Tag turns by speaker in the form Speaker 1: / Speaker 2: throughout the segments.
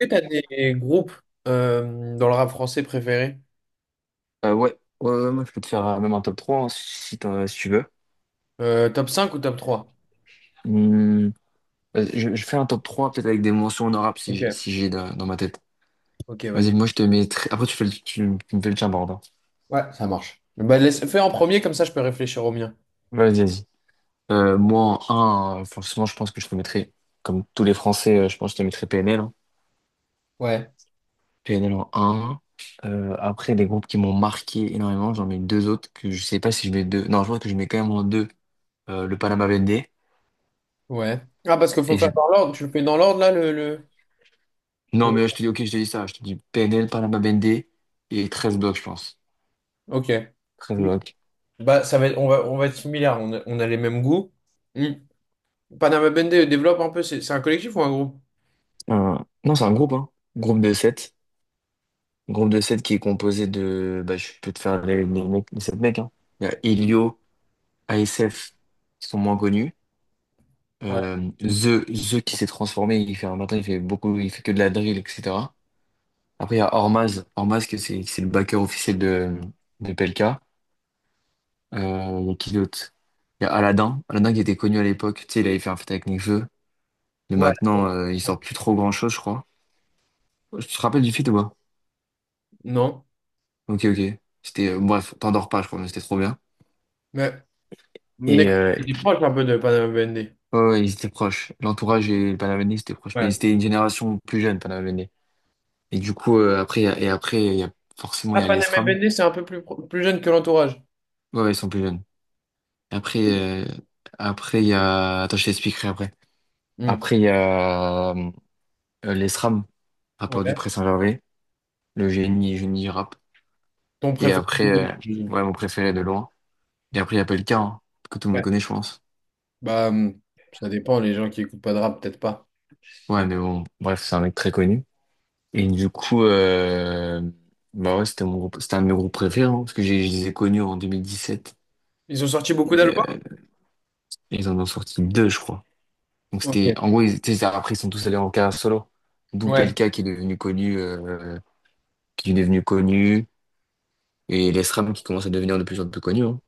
Speaker 1: Est-ce que t'as des groupes dans le rap français préférés?
Speaker 2: Euh, ouais, ouais, moi je peux te faire même un top 3 hein, si tu veux.
Speaker 1: Top cinq ou top trois?
Speaker 2: Hum, je fais un top 3 peut-être avec des mentions honorables
Speaker 1: Ok.
Speaker 2: si j'ai dans ma tête.
Speaker 1: Ok, vas-y.
Speaker 2: Moi je te mets Après tu fais le, tu me fais le tien par.
Speaker 1: Ouais, ça marche. Bah, laisse, fais en premier, comme ça je peux réfléchir au mien.
Speaker 2: Vas-y, vas-y. Moi en 1, forcément je pense que je te mettrai, comme tous les Français, je pense que je te mettrai PNL, hein.
Speaker 1: Ouais.
Speaker 2: PNL en 1. Après, des groupes qui m'ont marqué énormément, j'en mets deux autres que je sais pas si je mets deux. Non, je crois que je mets quand même en deux le Panama BND.
Speaker 1: Ouais. Ah, parce qu'il faut faire dans l'ordre. Tu le fais dans l'ordre, là,
Speaker 2: Non,
Speaker 1: le-
Speaker 2: mais je te dis, ok, je te dis ça. Je te dis PNL, Panama BND et treize blocs, je pense.
Speaker 1: Ok.
Speaker 2: Treize blocs.
Speaker 1: Bah, on va être similaires. On a les mêmes goûts. Hmm. Panama Bende, développe un peu. C'est un collectif ou un groupe?
Speaker 2: Non, c'est un groupe, hein. Groupe de sept. Groupe de 7 qui est composé de. Bah, je peux te faire les mecs, les 7 mecs. Hein. Il y a Elio, ASF, qui sont moins connus.
Speaker 1: Ouais.
Speaker 2: The qui s'est transformé, il fait un matin, il fait beaucoup, il fait que de la drill, etc. Après, il y a Ormaz. Ormaz, que c'est le backer officiel de PLK. Il y a qui d'autre? Il y a Aladdin. Aladdin qui était connu à l'époque. Tu sais, il avait fait un feat avec Nekfeu. Mais
Speaker 1: Ouais.
Speaker 2: maintenant, il sort plus trop grand-chose, je crois. Tu te rappelles du feat ou pas?
Speaker 1: Non.
Speaker 2: Ok, ok. Bref, t'endors pas, je crois, mais c'était trop bien.
Speaker 1: Mais
Speaker 2: Et
Speaker 1: Nekfeu,
Speaker 2: euh,
Speaker 1: il est proche un peu de Panama Bende.
Speaker 2: Ouais, ouais, ils étaient proches. L'entourage et le Panaveni, c'était proche. Mais
Speaker 1: Ouais.
Speaker 2: c'était une génération plus jeune, Panaveni. Et du coup, après, il y a- et après, il y a, forcément, il
Speaker 1: Ah,
Speaker 2: y a les
Speaker 1: Panama
Speaker 2: SRAM.
Speaker 1: Bende, c'est un peu plus, plus jeune que l'entourage.
Speaker 2: Ouais, ouais, ils sont plus jeunes. Et Après, euh, après, il y a, attends, je t'expliquerai après.
Speaker 1: Hmm.
Speaker 2: Après, il y a, les SRAM, rappeur du
Speaker 1: Ouais.
Speaker 2: Pré Saint-Gervais, le génie, génie du rap.
Speaker 1: Ton
Speaker 2: Et
Speaker 1: préféré
Speaker 2: après,
Speaker 1: du groupe,
Speaker 2: euh,
Speaker 1: j'imagine.
Speaker 2: ouais, mon préféré de loin. Et après, il y a Pelka, hein, que tout le monde
Speaker 1: Ouais.
Speaker 2: connaît, je pense.
Speaker 1: Bah, ça dépend, les gens qui écoutent pas de rap, peut-être pas.
Speaker 2: Ouais, mais bon, bref, c'est un mec très connu. Et du coup, bah ouais, c'était un de mes groupes préférés, hein, parce que je les ai connus en 2017.
Speaker 1: Ils ont sorti beaucoup
Speaker 2: Et,
Speaker 1: d'albums?
Speaker 2: ils en ont sorti deux, je crois. Donc
Speaker 1: Ok.
Speaker 2: c'était, en gros, ils, tu sais, après, ils sont tous allés en carrière solo. D'où
Speaker 1: Ouais.
Speaker 2: Pelka qui est devenu connu, qui est devenu connu, et l'ESRAM qui commence à devenir de plus en plus connu, hein.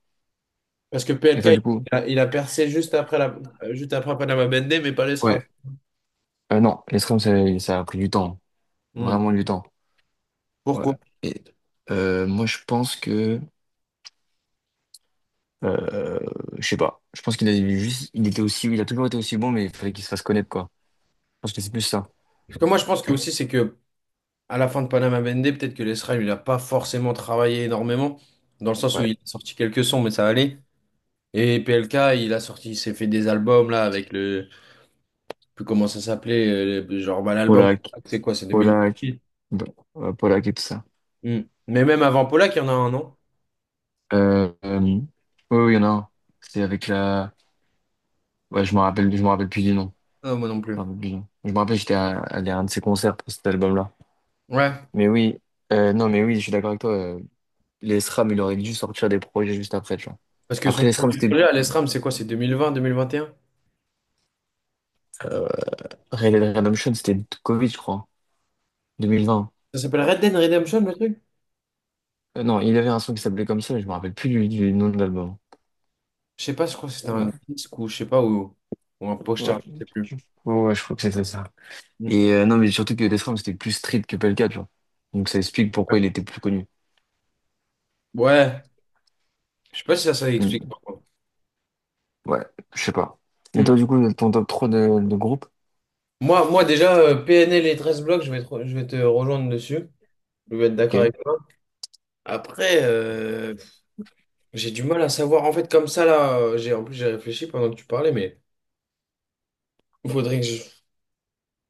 Speaker 1: Parce que
Speaker 2: Et
Speaker 1: PLK,
Speaker 2: toi,
Speaker 1: il
Speaker 2: du coup?
Speaker 1: a, il a percé juste après, juste après Panama Bendé, mais pas les Sram.
Speaker 2: Ouais. Non, l'ESRAM ça a pris du temps.
Speaker 1: Hmm.
Speaker 2: Vraiment du temps. Ouais.
Speaker 1: Pourquoi?
Speaker 2: Et, moi, je pense que Euh, je sais pas. Je pense qu'il a juste, il était aussi, il a toujours été aussi bon, mais il fallait qu'il se fasse connaître, quoi. Je pense que c'est plus ça.
Speaker 1: Parce que moi, je pense que aussi, c'est que à la fin de Panama Bendé, peut-être que les Sram, il n'a pas forcément travaillé énormément, dans le sens où
Speaker 2: Ouais.
Speaker 1: il a sorti quelques sons, mais ça allait. Et PLK, il a sorti, il s'est fait des albums, là, avec je sais plus comment ça s'appelait, genre, bah, l'album,
Speaker 2: Polak,
Speaker 1: c'est quoi, c'est 2000.
Speaker 2: Polak, bah, Polak et tout ça.
Speaker 1: Hmm. Mais même avant Polak, il y en a un, non?
Speaker 2: Oui, oui, il y en a un. C'est avec la. Ouais, je me rappelle plus du nom.
Speaker 1: Non, moi non plus.
Speaker 2: Je me rappelle plus du nom. Je me rappelle, allé à un de ses concerts pour cet album-là.
Speaker 1: Ouais.
Speaker 2: Mais oui, non, mais oui, je suis d'accord avec toi. Les SRAM, il aurait dû sortir des projets juste après, tu vois.
Speaker 1: Parce que son
Speaker 2: Après les SRAM,
Speaker 1: premier
Speaker 2: c'était
Speaker 1: projet à l'ESRAM, c'est quoi? C'est 2021.
Speaker 2: euh, Red Dead Redemption, c'était Covid, je crois, 2020.
Speaker 1: Ça s'appelle Red Dead Redemption, le truc?
Speaker 2: Non, il avait un son qui s'appelait comme ça, mais je me rappelle plus du nom de l'album.
Speaker 1: Je sais pas, je crois que c'était un
Speaker 2: Ouais,
Speaker 1: disque ou je sais pas, ou un poster,
Speaker 2: ouais.
Speaker 1: je sais plus.
Speaker 2: Je- ouais, je crois que c'était ça.
Speaker 1: Hmm.
Speaker 2: Et non, mais surtout que Death Ram, c'était plus street que Pelka, tu vois. Donc ça explique pourquoi il était plus connu.
Speaker 1: Ouais, je sais pas si ça explique,
Speaker 2: Hmm,
Speaker 1: par contre.
Speaker 2: Ouais, je sais pas. Et
Speaker 1: Hmm.
Speaker 2: toi, du coup, ton top 3 de groupe,
Speaker 1: Moi, déjà, PNL et 13 blocs, je vais te rejoindre dessus. Je vais être d'accord
Speaker 2: ok.
Speaker 1: avec toi. Après, j'ai du mal à savoir. En fait, comme ça, là, en plus, j'ai réfléchi pendant que tu parlais, mais il faudrait que je...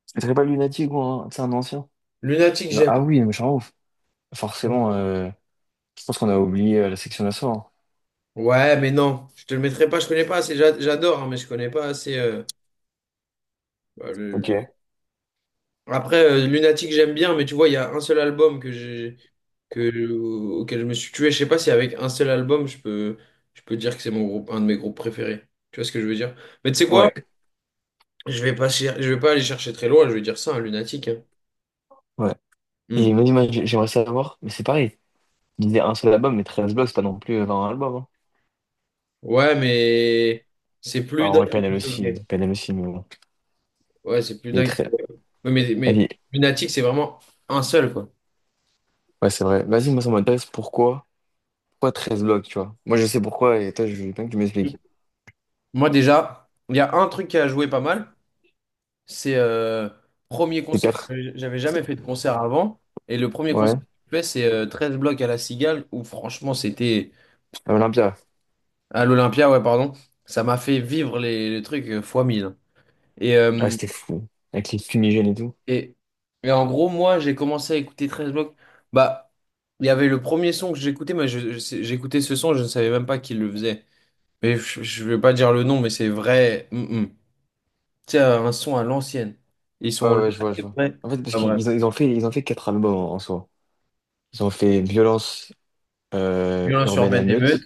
Speaker 2: Ce serait pas Lunatic ou un, c'est un ancien?
Speaker 1: Lunatique,
Speaker 2: Genre,
Speaker 1: j'aime.
Speaker 2: ah oui, mais je suis en ouf. Forcément, je pense qu'on a oublié la section d'assaut, hein.
Speaker 1: Ouais, mais non, je te le mettrai pas, je connais pas assez, j'adore, hein, mais je connais pas assez. Bah,
Speaker 2: Ok.
Speaker 1: le- Après, Lunatic, j'aime bien, mais tu vois, il y a un seul album auquel je me suis tué. Je sais pas si avec un seul album, je peux dire que c'est mon groupe, un de mes groupes préférés. Tu vois ce que je veux dire? Mais tu sais quoi?
Speaker 2: Ouais,
Speaker 1: Je vais pas aller chercher très loin, je vais dire ça, un Lunatic, hein.
Speaker 2: ouais.
Speaker 1: Hmm.
Speaker 2: Et vas moi, j'aimerais savoir, mais c'est pareil. Il disait un seul album, mais 13 blocs, c'est pas non plus 20 albums, hein.
Speaker 1: Ouais, mais c'est
Speaker 2: Ah,
Speaker 1: plus
Speaker 2: en vrai,
Speaker 1: dingue
Speaker 2: PNL
Speaker 1: que
Speaker 2: aussi,
Speaker 1: Joker.
Speaker 2: PNL aussi, mais bon.
Speaker 1: Ouais, c'est plus
Speaker 2: Il est
Speaker 1: dingue.
Speaker 2: très.
Speaker 1: Ouais, mais
Speaker 2: Vas-y.
Speaker 1: Lunatic, c'est vraiment un seul, quoi.
Speaker 2: Ouais, c'est vrai. Vas-y, moi, ça m'intéresse. Pourquoi? Pourquoi treize blocs, tu vois? Moi, je sais pourquoi, et toi, je veux bien que tu m'expliques.
Speaker 1: Moi déjà, il y a un truc qui a joué pas mal, c'est premier
Speaker 2: C'est
Speaker 1: concert.
Speaker 2: quatre.
Speaker 1: J'avais jamais fait de concert avant, et le premier concert
Speaker 2: Ouais.
Speaker 1: que j'ai fait, c'est 13 blocs à la Cigale, où franchement c'était
Speaker 2: À Olympia.
Speaker 1: à l'Olympia, ouais pardon, ça m'a fait vivre les trucs fois 1000. Et,
Speaker 2: Ah,
Speaker 1: euh,
Speaker 2: c'était fou. Avec les fumigènes et tout.
Speaker 1: et, et en gros, moi j'ai commencé à écouter 13 blocs, bah il y avait le premier son que j'écoutais, mais j'écoutais ce son, je ne savais même pas qui le faisait. Mais je vais pas dire le nom, mais c'est vrai. Mm, mm. Tu sais, un son à l'ancienne. Ils
Speaker 2: Ouais,
Speaker 1: sont là,
Speaker 2: ouais, je vois, je
Speaker 1: c'est
Speaker 2: vois.
Speaker 1: vrai.
Speaker 2: En fait, parce
Speaker 1: Pas vrai.
Speaker 2: qu'ils ont, ils ont fait 4 albums en, en soi. Ils ont fait Violence,
Speaker 1: Violence
Speaker 2: Urbaine
Speaker 1: urbaine émeute.
Speaker 2: Émeute.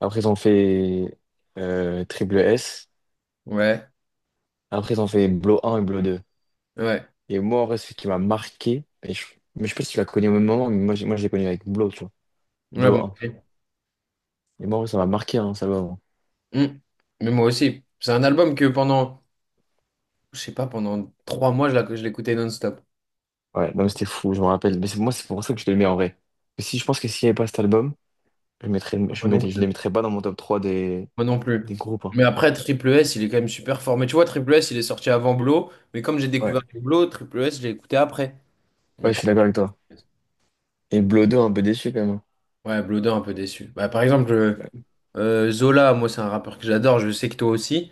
Speaker 2: Après, ils ont fait Triple S.
Speaker 1: Ouais,
Speaker 2: Après, ils ont fait Blow un et Blow deux.
Speaker 1: ouais.
Speaker 2: Et moi, en vrai, ce qui m'a marqué, et je, mais je sais pas si tu l'as connu au même moment, moi, je l'ai connu avec Blow,
Speaker 1: Ouais,
Speaker 2: Blow
Speaker 1: moi
Speaker 2: 1.
Speaker 1: aussi.
Speaker 2: Et moi, en vrai, ça m'a marqué, hein, cet album.
Speaker 1: Hmm. Mais moi aussi. C'est un album que pendant, je sais pas, pendant 3 mois, je l'écoutais non-stop.
Speaker 2: Ouais, non, mais c'était fou, je me rappelle. Moi, c'est pour ça que je le mets en vrai. Et si je pense que s'il n'y avait pas cet album,
Speaker 1: Moi non
Speaker 2: je les
Speaker 1: plus.
Speaker 2: mettrais pas dans mon top 3
Speaker 1: Moi non plus.
Speaker 2: des groupes, hein.
Speaker 1: Mais après, Triple S, il est quand même super fort. Mais tu vois, Triple S, il est sorti avant Blo. Mais comme j'ai
Speaker 2: Ouais,
Speaker 1: découvert les Blo, Triple S, je l'ai écouté après. Mais
Speaker 2: ouais, je
Speaker 1: trop.
Speaker 2: suis d'accord avec toi. Et Blow 2, un peu déçu quand même, hein.
Speaker 1: Ouais, Blodin, un peu déçu. Bah, par exemple,
Speaker 2: Ouais,
Speaker 1: Zola, moi, c'est un rappeur que j'adore. Je sais que toi aussi.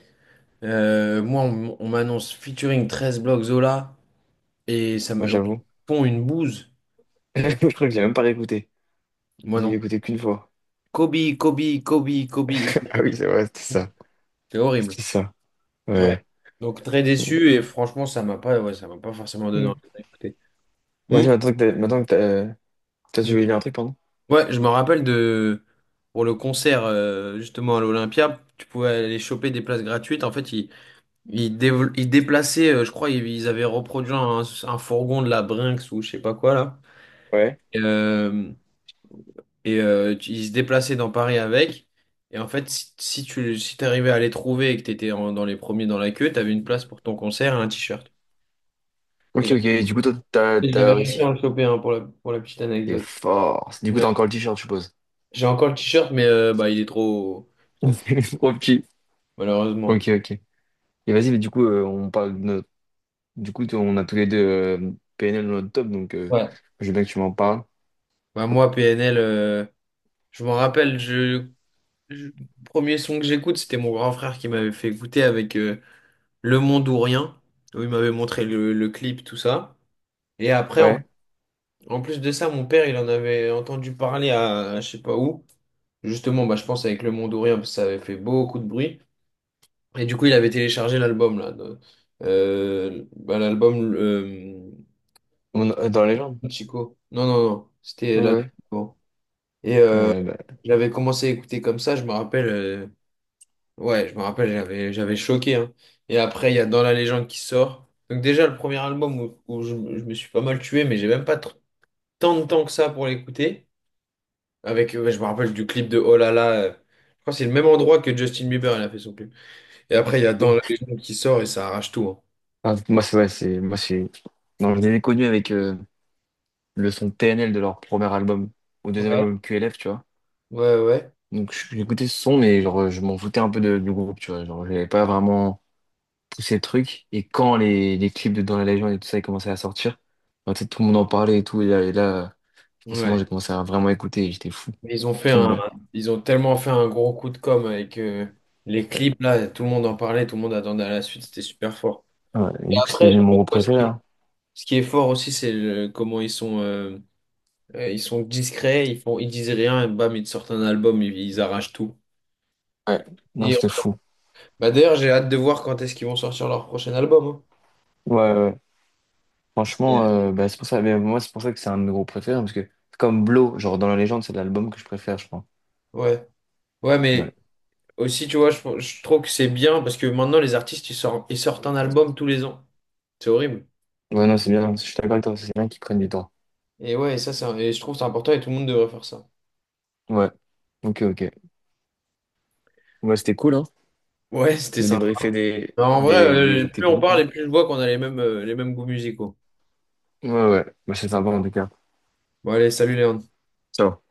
Speaker 1: Moi, on m'annonce featuring 13 blocs Zola et ça
Speaker 2: moi,
Speaker 1: me on
Speaker 2: j'avoue.
Speaker 1: fond une bouse. Euh,
Speaker 2: Je crois que j'ai même pas réécouté.
Speaker 1: Moi
Speaker 2: J'ai dû
Speaker 1: non plus.
Speaker 2: l'écouter qu'une fois.
Speaker 1: Kobe, Kobe, Kobe, Kobe.
Speaker 2: Ah oui, c'est vrai, c'était ça.
Speaker 1: C'est horrible.
Speaker 2: C'était ça.
Speaker 1: Ouais.
Speaker 2: Ouais.
Speaker 1: Donc très déçu et franchement, ça m'a pas forcément donné
Speaker 2: Mm.
Speaker 1: envie d'écouter.
Speaker 2: Vas-y, maintenant que t'as, tu voulais dire un truc, pardon?
Speaker 1: Ouais, je me rappelle de pour le concert justement à l'Olympia, tu pouvais aller choper des places gratuites. En fait, ils déplaçaient, je crois, ils avaient reproduit un fourgon de la Brinks ou je sais pas quoi là.
Speaker 2: Ouais.
Speaker 1: Et ils se déplaçaient dans Paris avec. Et en fait, si t'arrivais à les trouver et que t'étais dans les premiers dans la queue, t'avais une place pour ton concert et un t-shirt. Et
Speaker 2: Ok,
Speaker 1: j'a-
Speaker 2: ok, du coup, toi,
Speaker 1: et j'avais
Speaker 2: t'as
Speaker 1: réussi
Speaker 2: réussi?
Speaker 1: à le choper, hein, pour la petite
Speaker 2: T'es
Speaker 1: anecdote.
Speaker 2: fort. Du coup,
Speaker 1: Ouais.
Speaker 2: t'as encore le t-shirt, je suppose.
Speaker 1: J'ai encore le t-shirt, mais bah, il est trop, trop petit,
Speaker 2: Trop petit.
Speaker 1: malheureusement.
Speaker 2: Ok, ok. Et vas-y, mais du coup, on parle de notre. Du coup, on a tous les deux PNL dans notre top, donc
Speaker 1: Ouais.
Speaker 2: je veux bien que tu m'en parles.
Speaker 1: Bah, moi, PNL, je m'en rappelle, je- premier son que j'écoute, c'était mon grand frère qui m'avait fait écouter avec Le Monde ou Rien, où il m'avait montré le clip, tout ça. Et après,
Speaker 2: Ouais.
Speaker 1: en plus de ça, mon père, il en avait entendu parler à je sais pas où. Justement, bah, je pense avec Le Monde ou Rien, parce que ça avait fait beaucoup de bruit. Et du coup, il avait téléchargé l'album, là, bah, l'album
Speaker 2: Dans la légende?
Speaker 1: Chico. Non, non, non. C'était
Speaker 2: Ouais,
Speaker 1: l'album
Speaker 2: ouais.
Speaker 1: avant. Et
Speaker 2: Euh, bah,
Speaker 1: j'avais commencé à écouter comme ça, je me rappelle. Ouais, je me rappelle, j'avais choqué, hein. Et après, il y a Dans la légende qui sort. Donc déjà, le premier album où je me suis pas mal tué, mais j'ai même pas tant de temps que ça pour l'écouter. Ouais, je me rappelle du clip de Oh là là. Je crois que c'est le même endroit que Justin Bieber, il a fait son clip. Et après, il y a Dans
Speaker 2: Yeah.
Speaker 1: la légende qui sort et ça arrache tout, hein.
Speaker 2: Enfin, moi, c'est. Ouais, c'est. Moi, c'est. Non, je les ai connus avec le son PNL de leur premier album, au deuxième
Speaker 1: Ouais,
Speaker 2: album QLF, tu vois.
Speaker 1: ouais, ouais.
Speaker 2: Donc, j'écoutais ce son, mais genre, je m'en foutais un peu du groupe, tu vois. Genre, j'avais pas vraiment poussé le truc. Et quand les clips de Dans la légende et tout ça, ils commençaient à sortir, bah, tu sais, tout le monde en parlait et tout. En ce moment,
Speaker 1: Ouais.
Speaker 2: j'ai commencé à vraiment écouter, j'étais fou.
Speaker 1: Mais
Speaker 2: Tout bas.
Speaker 1: ils ont tellement fait un gros coup de com avec les
Speaker 2: Ouais.
Speaker 1: clips là. Tout le monde en parlait, tout le monde attendait à la suite. C'était super fort.
Speaker 2: Ouais, et
Speaker 1: Et
Speaker 2: du coup, c'est
Speaker 1: après,
Speaker 2: devenu
Speaker 1: je
Speaker 2: mon
Speaker 1: trouve,
Speaker 2: groupe
Speaker 1: moi, ce
Speaker 2: préféré,
Speaker 1: qui
Speaker 2: hein.
Speaker 1: ce qui est fort aussi, comment ils sont discrets. Ils font, ils disent rien. Et bam, ils sortent un album. Ils arrachent tout.
Speaker 2: Ouais, non,
Speaker 1: Et
Speaker 2: c'était fou.
Speaker 1: bah d'ailleurs, j'ai hâte de voir quand est-ce qu'ils vont sortir leur prochain album, hein.
Speaker 2: Ouais, ouais, ouais. Franchement,
Speaker 1: Ouais.
Speaker 2: bah, c'est pour ça. Mais moi, c'est pour ça que c'est un de mes groupes préférés, hein, parce que, comme Blow, genre dans la légende, c'est l'album que je préfère, je crois.
Speaker 1: Ouais, Ouais,
Speaker 2: Ouais.
Speaker 1: mais aussi, tu vois, je trouve que c'est bien parce que maintenant, les artistes, ils sortent un album tous les ans. C'est horrible.
Speaker 2: Ouais, non, c'est bien, hein. Je suis d'accord avec toi. C'est bien qu'ils prennent du temps.
Speaker 1: Et ouais, et je trouve que c'est important et tout le monde devrait faire ça.
Speaker 2: Ouais. Ok, ok. Ouais, c'était cool, hein,
Speaker 1: Ouais, c'était
Speaker 2: de
Speaker 1: ça.
Speaker 2: débriefer
Speaker 1: En vrai,
Speaker 2: tes
Speaker 1: plus on
Speaker 2: groupes,
Speaker 1: parle
Speaker 2: hein.
Speaker 1: et plus je vois qu'on a les mêmes goûts musicaux.
Speaker 2: Ouais, ouais. Bah, c'est sympa, en tout cas.
Speaker 1: Bon, allez, salut Léon.
Speaker 2: Ciao.